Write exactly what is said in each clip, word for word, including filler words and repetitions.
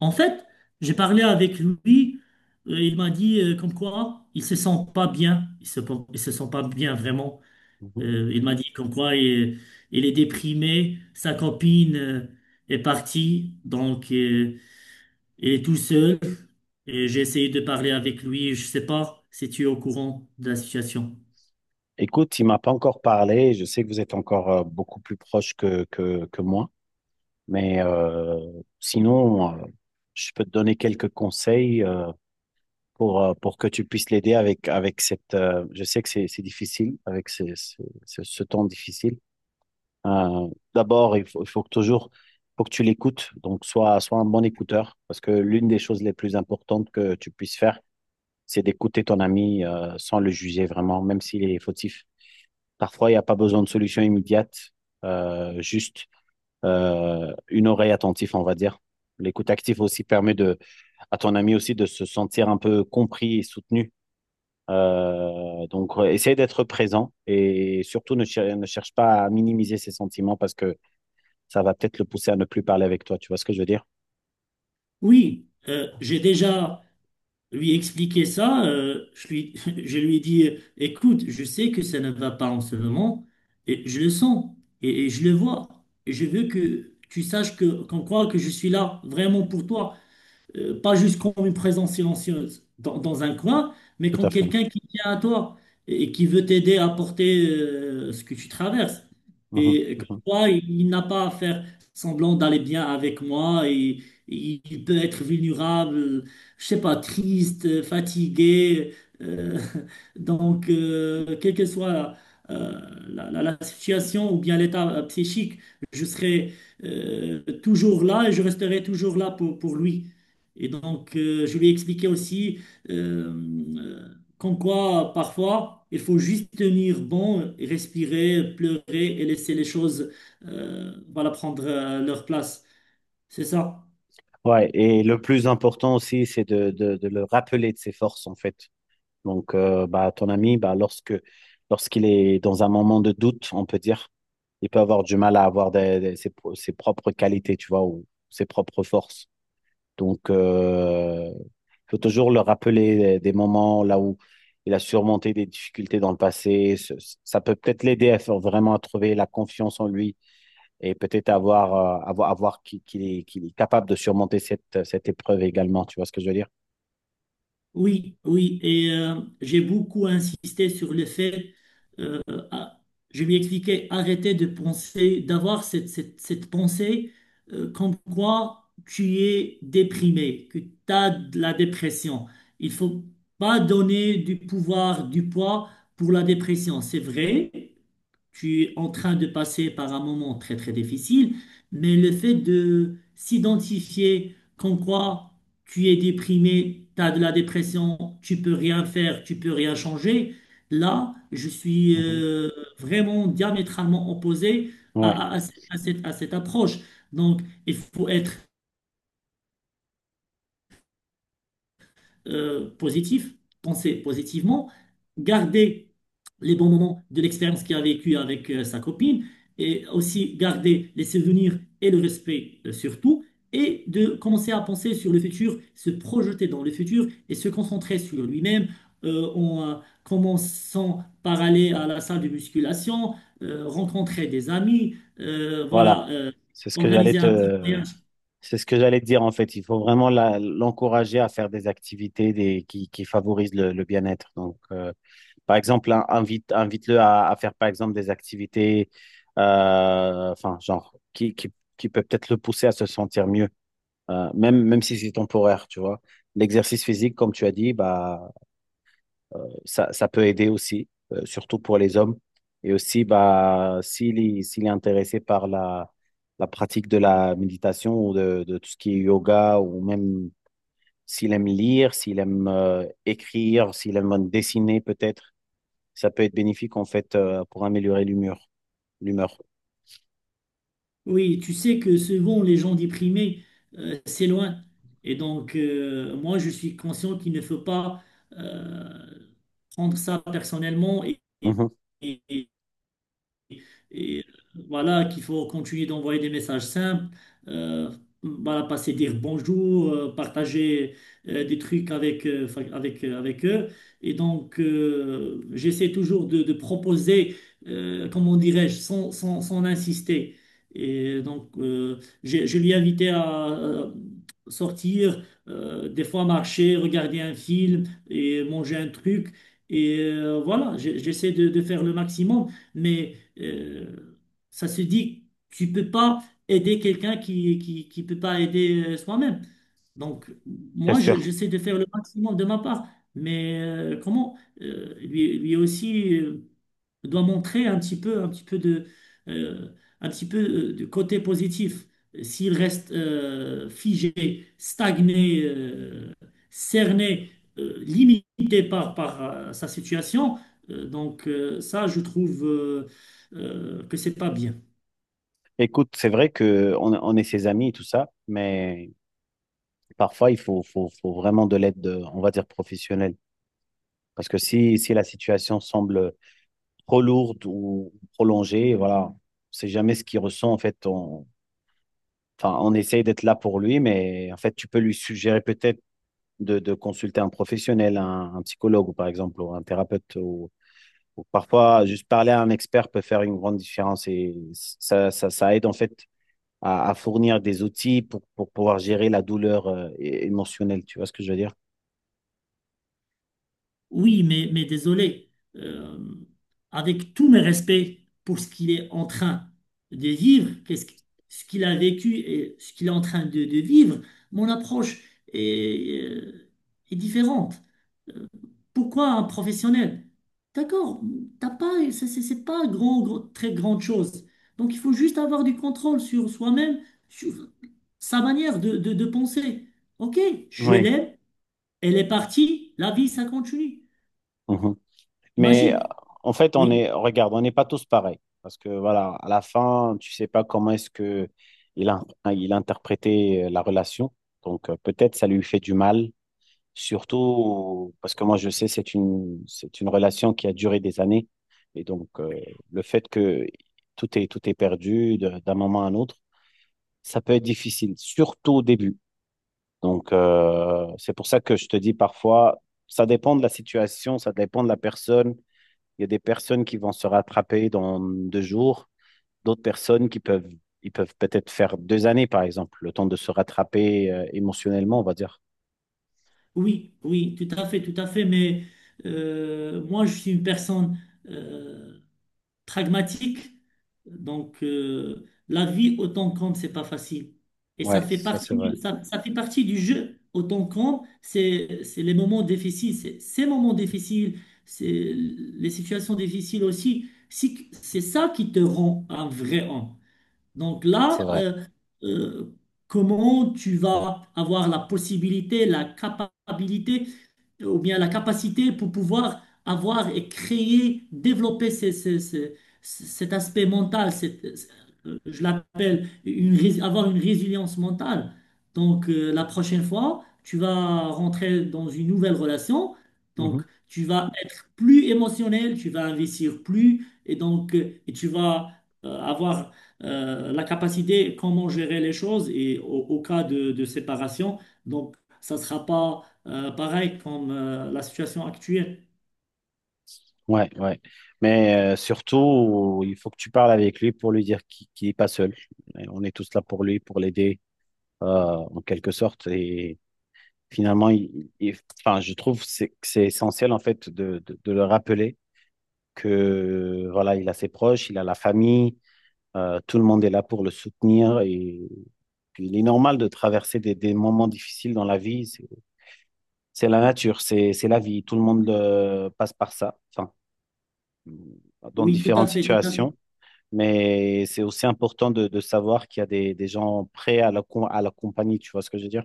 En fait, j'ai parlé avec lui. Euh, il m'a dit euh, comme quoi il se sent pas bien. Il se, il se sent pas bien vraiment. Mhm. Euh, il m'a dit comme quoi il, il est déprimé. Sa copine euh, est partie, donc euh, il est tout seul. Et j'ai essayé de parler avec lui. Je sais pas si tu es au courant de la situation. Écoute, il m'a pas encore parlé. Je sais que vous êtes encore euh, beaucoup plus proche que, que, que moi. Mais euh, sinon, euh, je peux te donner quelques conseils euh, pour, euh, pour que tu puisses l'aider avec, avec cette... euh, je sais que c'est c'est difficile, avec ce, ce, ce- ce temps difficile. Euh, D'abord, il faut, il faut que toujours... faut que tu l'écoutes. Donc, sois, sois un bon écouteur. Parce que l'une des choses les plus importantes que tu puisses faire, c'est d'écouter ton ami euh, sans le juger vraiment, même s'il est fautif. Parfois, il n'y a pas besoin de solution immédiate, euh, juste euh, une oreille attentive, on va dire. L'écoute active aussi permet de, à ton ami aussi de se sentir un peu compris et soutenu. Euh, donc, euh, essaye d'être présent et surtout ne, cher- ne cherche pas à minimiser ses sentiments parce que ça va peut-être le pousser à ne plus parler avec toi. Tu vois ce que je veux dire? Oui, euh, j'ai déjà lui expliquer ça, euh, je lui, je lui ai dit, euh, écoute, je sais que ça ne va pas en ce moment, et je le sens, et, et je le vois, et je veux que tu saches que, qu'on croit que je suis là vraiment pour toi euh, pas juste comme une présence silencieuse dans, dans un coin, mais Tout à comme fait. quelqu'un qui tient à toi et qui veut t'aider à porter euh, ce que tu traverses. Mhm, Et que mhm. toi, il n'a pas à faire semblant d'aller bien avec moi et et il peut être vulnérable, je sais pas, triste, fatigué. euh, donc, euh, quelle que soit euh, la, la- la situation ou bien l'état euh, psychique, je serai euh, toujours là et je resterai toujours là pour, pour lui. Et donc, euh, je lui ai expliqué aussi euh, euh, qu'en quoi, parfois, il faut juste tenir bon, et respirer, pleurer et laisser les choses euh, voilà, prendre euh, leur place. C'est ça. Ouais, et le plus important aussi, c'est de, de, de le rappeler de ses forces, en fait. Donc, euh, bah, ton ami, bah, lorsque, lorsqu'il est dans un moment de doute, on peut dire, il peut avoir du mal à avoir des- des- ses, pro- ses propres qualités, tu vois, ou ses propres forces. Donc, euh, il faut toujours le rappeler des moments là où il a surmonté des difficultés dans le passé. Ce- Ça peut peut-être l'aider à faire vraiment à trouver la confiance en lui et peut-être avoir, euh, avoir, avoir qu'il qu'il est, qu'il est capable de surmonter cette, cette épreuve également. Tu vois ce que je veux dire? Oui, oui, et euh, j'ai beaucoup insisté sur le fait, euh, à- je lui expliquais, arrêtez de penser, d'avoir cette, cette, cette pensée euh, comme quoi tu es déprimé, que tu as de la dépression. Il faut pas donner du pouvoir, du poids pour la dépression. C'est vrai, tu es en train de passer par un moment très très difficile, mais le fait de s'identifier comme quoi tu es déprimé, tu as de la dépression, tu peux rien faire, tu peux rien changer, là, je suis Mhm. euh, vraiment diamétralement opposé Ouais, à, à- à cette, à cette- à cette approche. Donc, il faut être euh, positif, penser positivement, garder les bons moments de l'expérience qu'il a vécue avec euh, sa copine, et aussi garder les souvenirs et le respect euh, surtout, et de commencer à penser sur le futur, se projeter dans le futur et se concentrer sur lui-même euh, en euh, commençant par aller à la salle de musculation, euh, rencontrer des amis, euh, voilà. voilà, euh, C'est ce que j'allais organiser un petit te, voyage. C'est ce que j'allais te dire en fait. Il faut vraiment la- l'encourager à faire des activités des, qui, qui favorisent le, le bien-être. Donc, euh, par exemple, in- invite, invite-le à, à faire par exemple des activités, euh, enfin, genre, qui, qui, qui peut peut-être le pousser à se sentir mieux, euh, même, même si c'est temporaire, tu vois. L'exercice physique, comme tu as dit, bah, ça, ça peut aider aussi, euh, surtout pour les hommes. Et aussi, bah, s'il est, s'il est intéressé par la, la pratique de la méditation ou de, de tout ce qui est yoga, ou même s'il aime lire, s'il aime euh, écrire, s'il aime dessiner peut-être, ça peut être bénéfique en fait euh, pour améliorer l'humeur. l'humeur. Oui, tu sais que souvent les gens déprimés, euh, c'est loin. Et donc, euh, moi, je suis conscient qu'il ne faut pas euh, prendre ça personnellement et, Mhm. et euh, voilà qu'il faut continuer d'envoyer des messages simples, euh, voilà, passer dire bonjour, euh, partager euh, des trucs avec, euh, enfin, avec, euh, avec eux. Et donc, euh, j'essaie toujours de, de proposer, euh, comment dirais-je, sans, sans, sans insister. Et donc, euh, je, je l'ai invité à euh, sortir, euh, des fois marcher, regarder un film et manger un truc. Et euh, voilà, j'ai- j'essaie de, de faire le maximum, mais... Euh, ça se dit, tu peux pas aider quelqu'un qui, qui, qui peut pas aider euh, soi-même. Donc, C'est moi, je- sûr. j'essaie de faire le maximum de ma part. Mais euh, comment euh, lui, lui aussi. Euh, doit montrer un petit peu, un petit peu de, euh, un petit peu euh, de côté positif. S'il reste euh, figé, stagné, euh, cerné, euh, limité par, par euh, sa situation, euh, donc euh, ça, je trouve euh, euh, que c'est pas bien. Écoute, c'est vrai que on, on est ses amis et tout ça, mais parfois il faut, faut, faut vraiment de l'aide, euh, on va dire, professionnelle. Parce que si, si la situation semble trop lourde ou prolongée. Voilà, c'est jamais ce qu'il ressent en fait. On, enfin, on essaye d'être là pour lui, mais en fait, tu peux lui suggérer peut-être de, de consulter un professionnel, un, un psychologue ou par exemple, ou un thérapeute. Ou, ou parfois, juste parler à un expert peut faire une grande différence et ça, ça, ça aide en fait à, à fournir des outils pour, pour pouvoir gérer la douleur euh, émotionnelle. Tu vois ce que je veux dire? Oui, mais, mais désolé, euh, avec tous mes respects pour ce qu'il est en train de vivre, qu'est-ce que- ce qu'il a vécu et ce qu'il est en train de, de vivre, mon approche est, euh, est différente. Euh, Pourquoi un professionnel? D'accord, t'as pas, c'est c'est- c'est pas grand, grand- très grande chose. Donc il faut juste avoir du contrôle sur soi-même, sur sa manière de, de de penser. Ok, je Oui. l'aime, elle est partie, la vie, ça continue. Mhm. Mais euh, Magie, en fait, on oui, est, regarde, on n'est pas tous pareils. Parce que voilà, à la fin, tu sais pas comment est-ce que il a, il a interprété euh, la relation. Donc euh, peut-être ça lui fait du mal, surtout parce que moi je sais c'est une c'est une relation qui a duré des années. Et donc euh, le fait que tout est tout est perdu de- d'un moment à un autre, ça peut être difficile, surtout au début. Donc euh, c'est pour ça que je te dis parfois, ça dépend de la situation, ça dépend de la personne. Il y a des personnes qui vont se rattraper dans deux jours, d'autres personnes qui peuvent, ils peuvent peut-être faire deux années, par exemple, le temps de se rattraper euh, émotionnellement, on va dire. oui, oui, tout à fait, tout à fait. Mais euh, moi, je suis une personne euh, pragmatique. Donc, euh, la vie autant compte, c'est pas facile. Et ça Ouais, fait ça c'est partie vrai. du, ça, ça fait partie du jeu. Autant compte, c'est, c'est les moments difficiles, c'est ces moments difficiles, c'est les situations difficiles aussi. Si- C'est ça qui te rend un vrai homme. Donc C'est là, vrai. euh, euh, comment tu vas avoir la possibilité, la capacité ou bien la capacité pour pouvoir avoir et créer, développer ces- ces- ces- cet aspect mental, cette- euh, je l'appelle une, rés- avoir une résilience mentale. Donc, euh, la prochaine fois, tu vas rentrer dans une nouvelle relation, Mhm. donc tu vas être plus émotionnel, tu vas investir plus, et donc euh, et tu vas euh, avoir euh, la capacité comment gérer les choses et au, au cas de, de séparation. Donc, ça ne sera pas euh, pareil comme euh, la situation actuelle. Ouais, ouais. Mais euh, surtout, il faut que tu parles avec lui pour lui dire qu'il qu'il n'est pas seul. Et on est tous là pour lui, pour l'aider, euh, en quelque sorte. Et finalement, il, il- enfin, je trouve que c'est que c'est essentiel en fait de, de, de le rappeler que voilà, il a ses proches, il a la famille. Euh, tout le monde est là pour le soutenir et puis il est normal de traverser des, des moments difficiles dans la vie. C'est c'est la nature, c'est c'est la vie. Tout le monde euh, passe par ça, enfin, dans Oui, tout à différentes fait, tout à fait. situations. Mais c'est aussi important de, de savoir qu'il y a des, des gens prêts à la, com- à la compagnie, tu vois ce que je veux dire?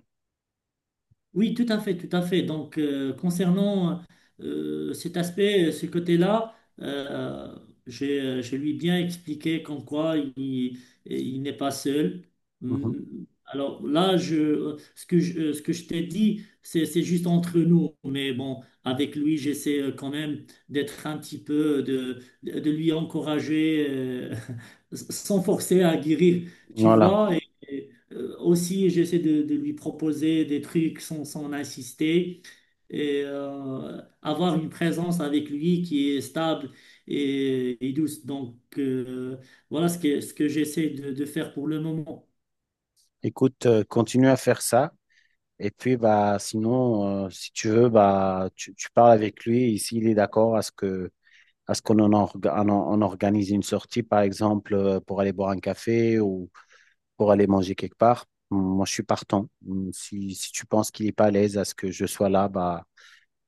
Oui, tout à fait, tout à fait. Donc, euh, concernant euh, cet aspect, ce côté-là, euh, je, je lui ai bien expliqué comme quoi il, il n'est pas seul. Mhm. Mm, alors là, je, ce que je, ce que je t'ai dit, c'est, c'est juste entre nous. Mais bon, avec lui, j'essaie euh, quand même d'être un petit peu, de, de lui encourager euh, sans forcer à guérir, tu Voilà. vois. Et, euh, aussi, j'essaie de, de lui proposer des trucs sans, sans insister et euh, avoir une présence avec lui qui est stable et, et douce. Donc, euh, voilà ce que, ce que j'essaie de, de faire pour le moment. Écoute, euh, continue à faire ça. Et puis, bah, sinon, euh, si tu veux, bah, tu, tu parles avec lui. Et s'il est d'accord à ce que Est-ce qu'on en org- on en- on organise une sortie, par exemple, euh, pour aller boire un café ou pour aller manger quelque part? Moi, je suis partant. Hum, Si, si tu penses qu'il n'est pas à l'aise à ce que je sois là, bah,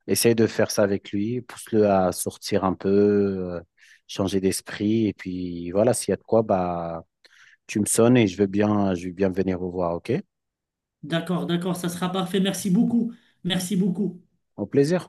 essaye de faire ça avec lui, pousse-le à sortir un peu, euh, changer d'esprit. Et puis voilà, s'il y a de quoi, bah, tu me sonnes et je veux bien, je veux bien venir vous voir, OK? D'accord, d'accord, ça sera parfait. Merci beaucoup. Merci beaucoup. Au plaisir.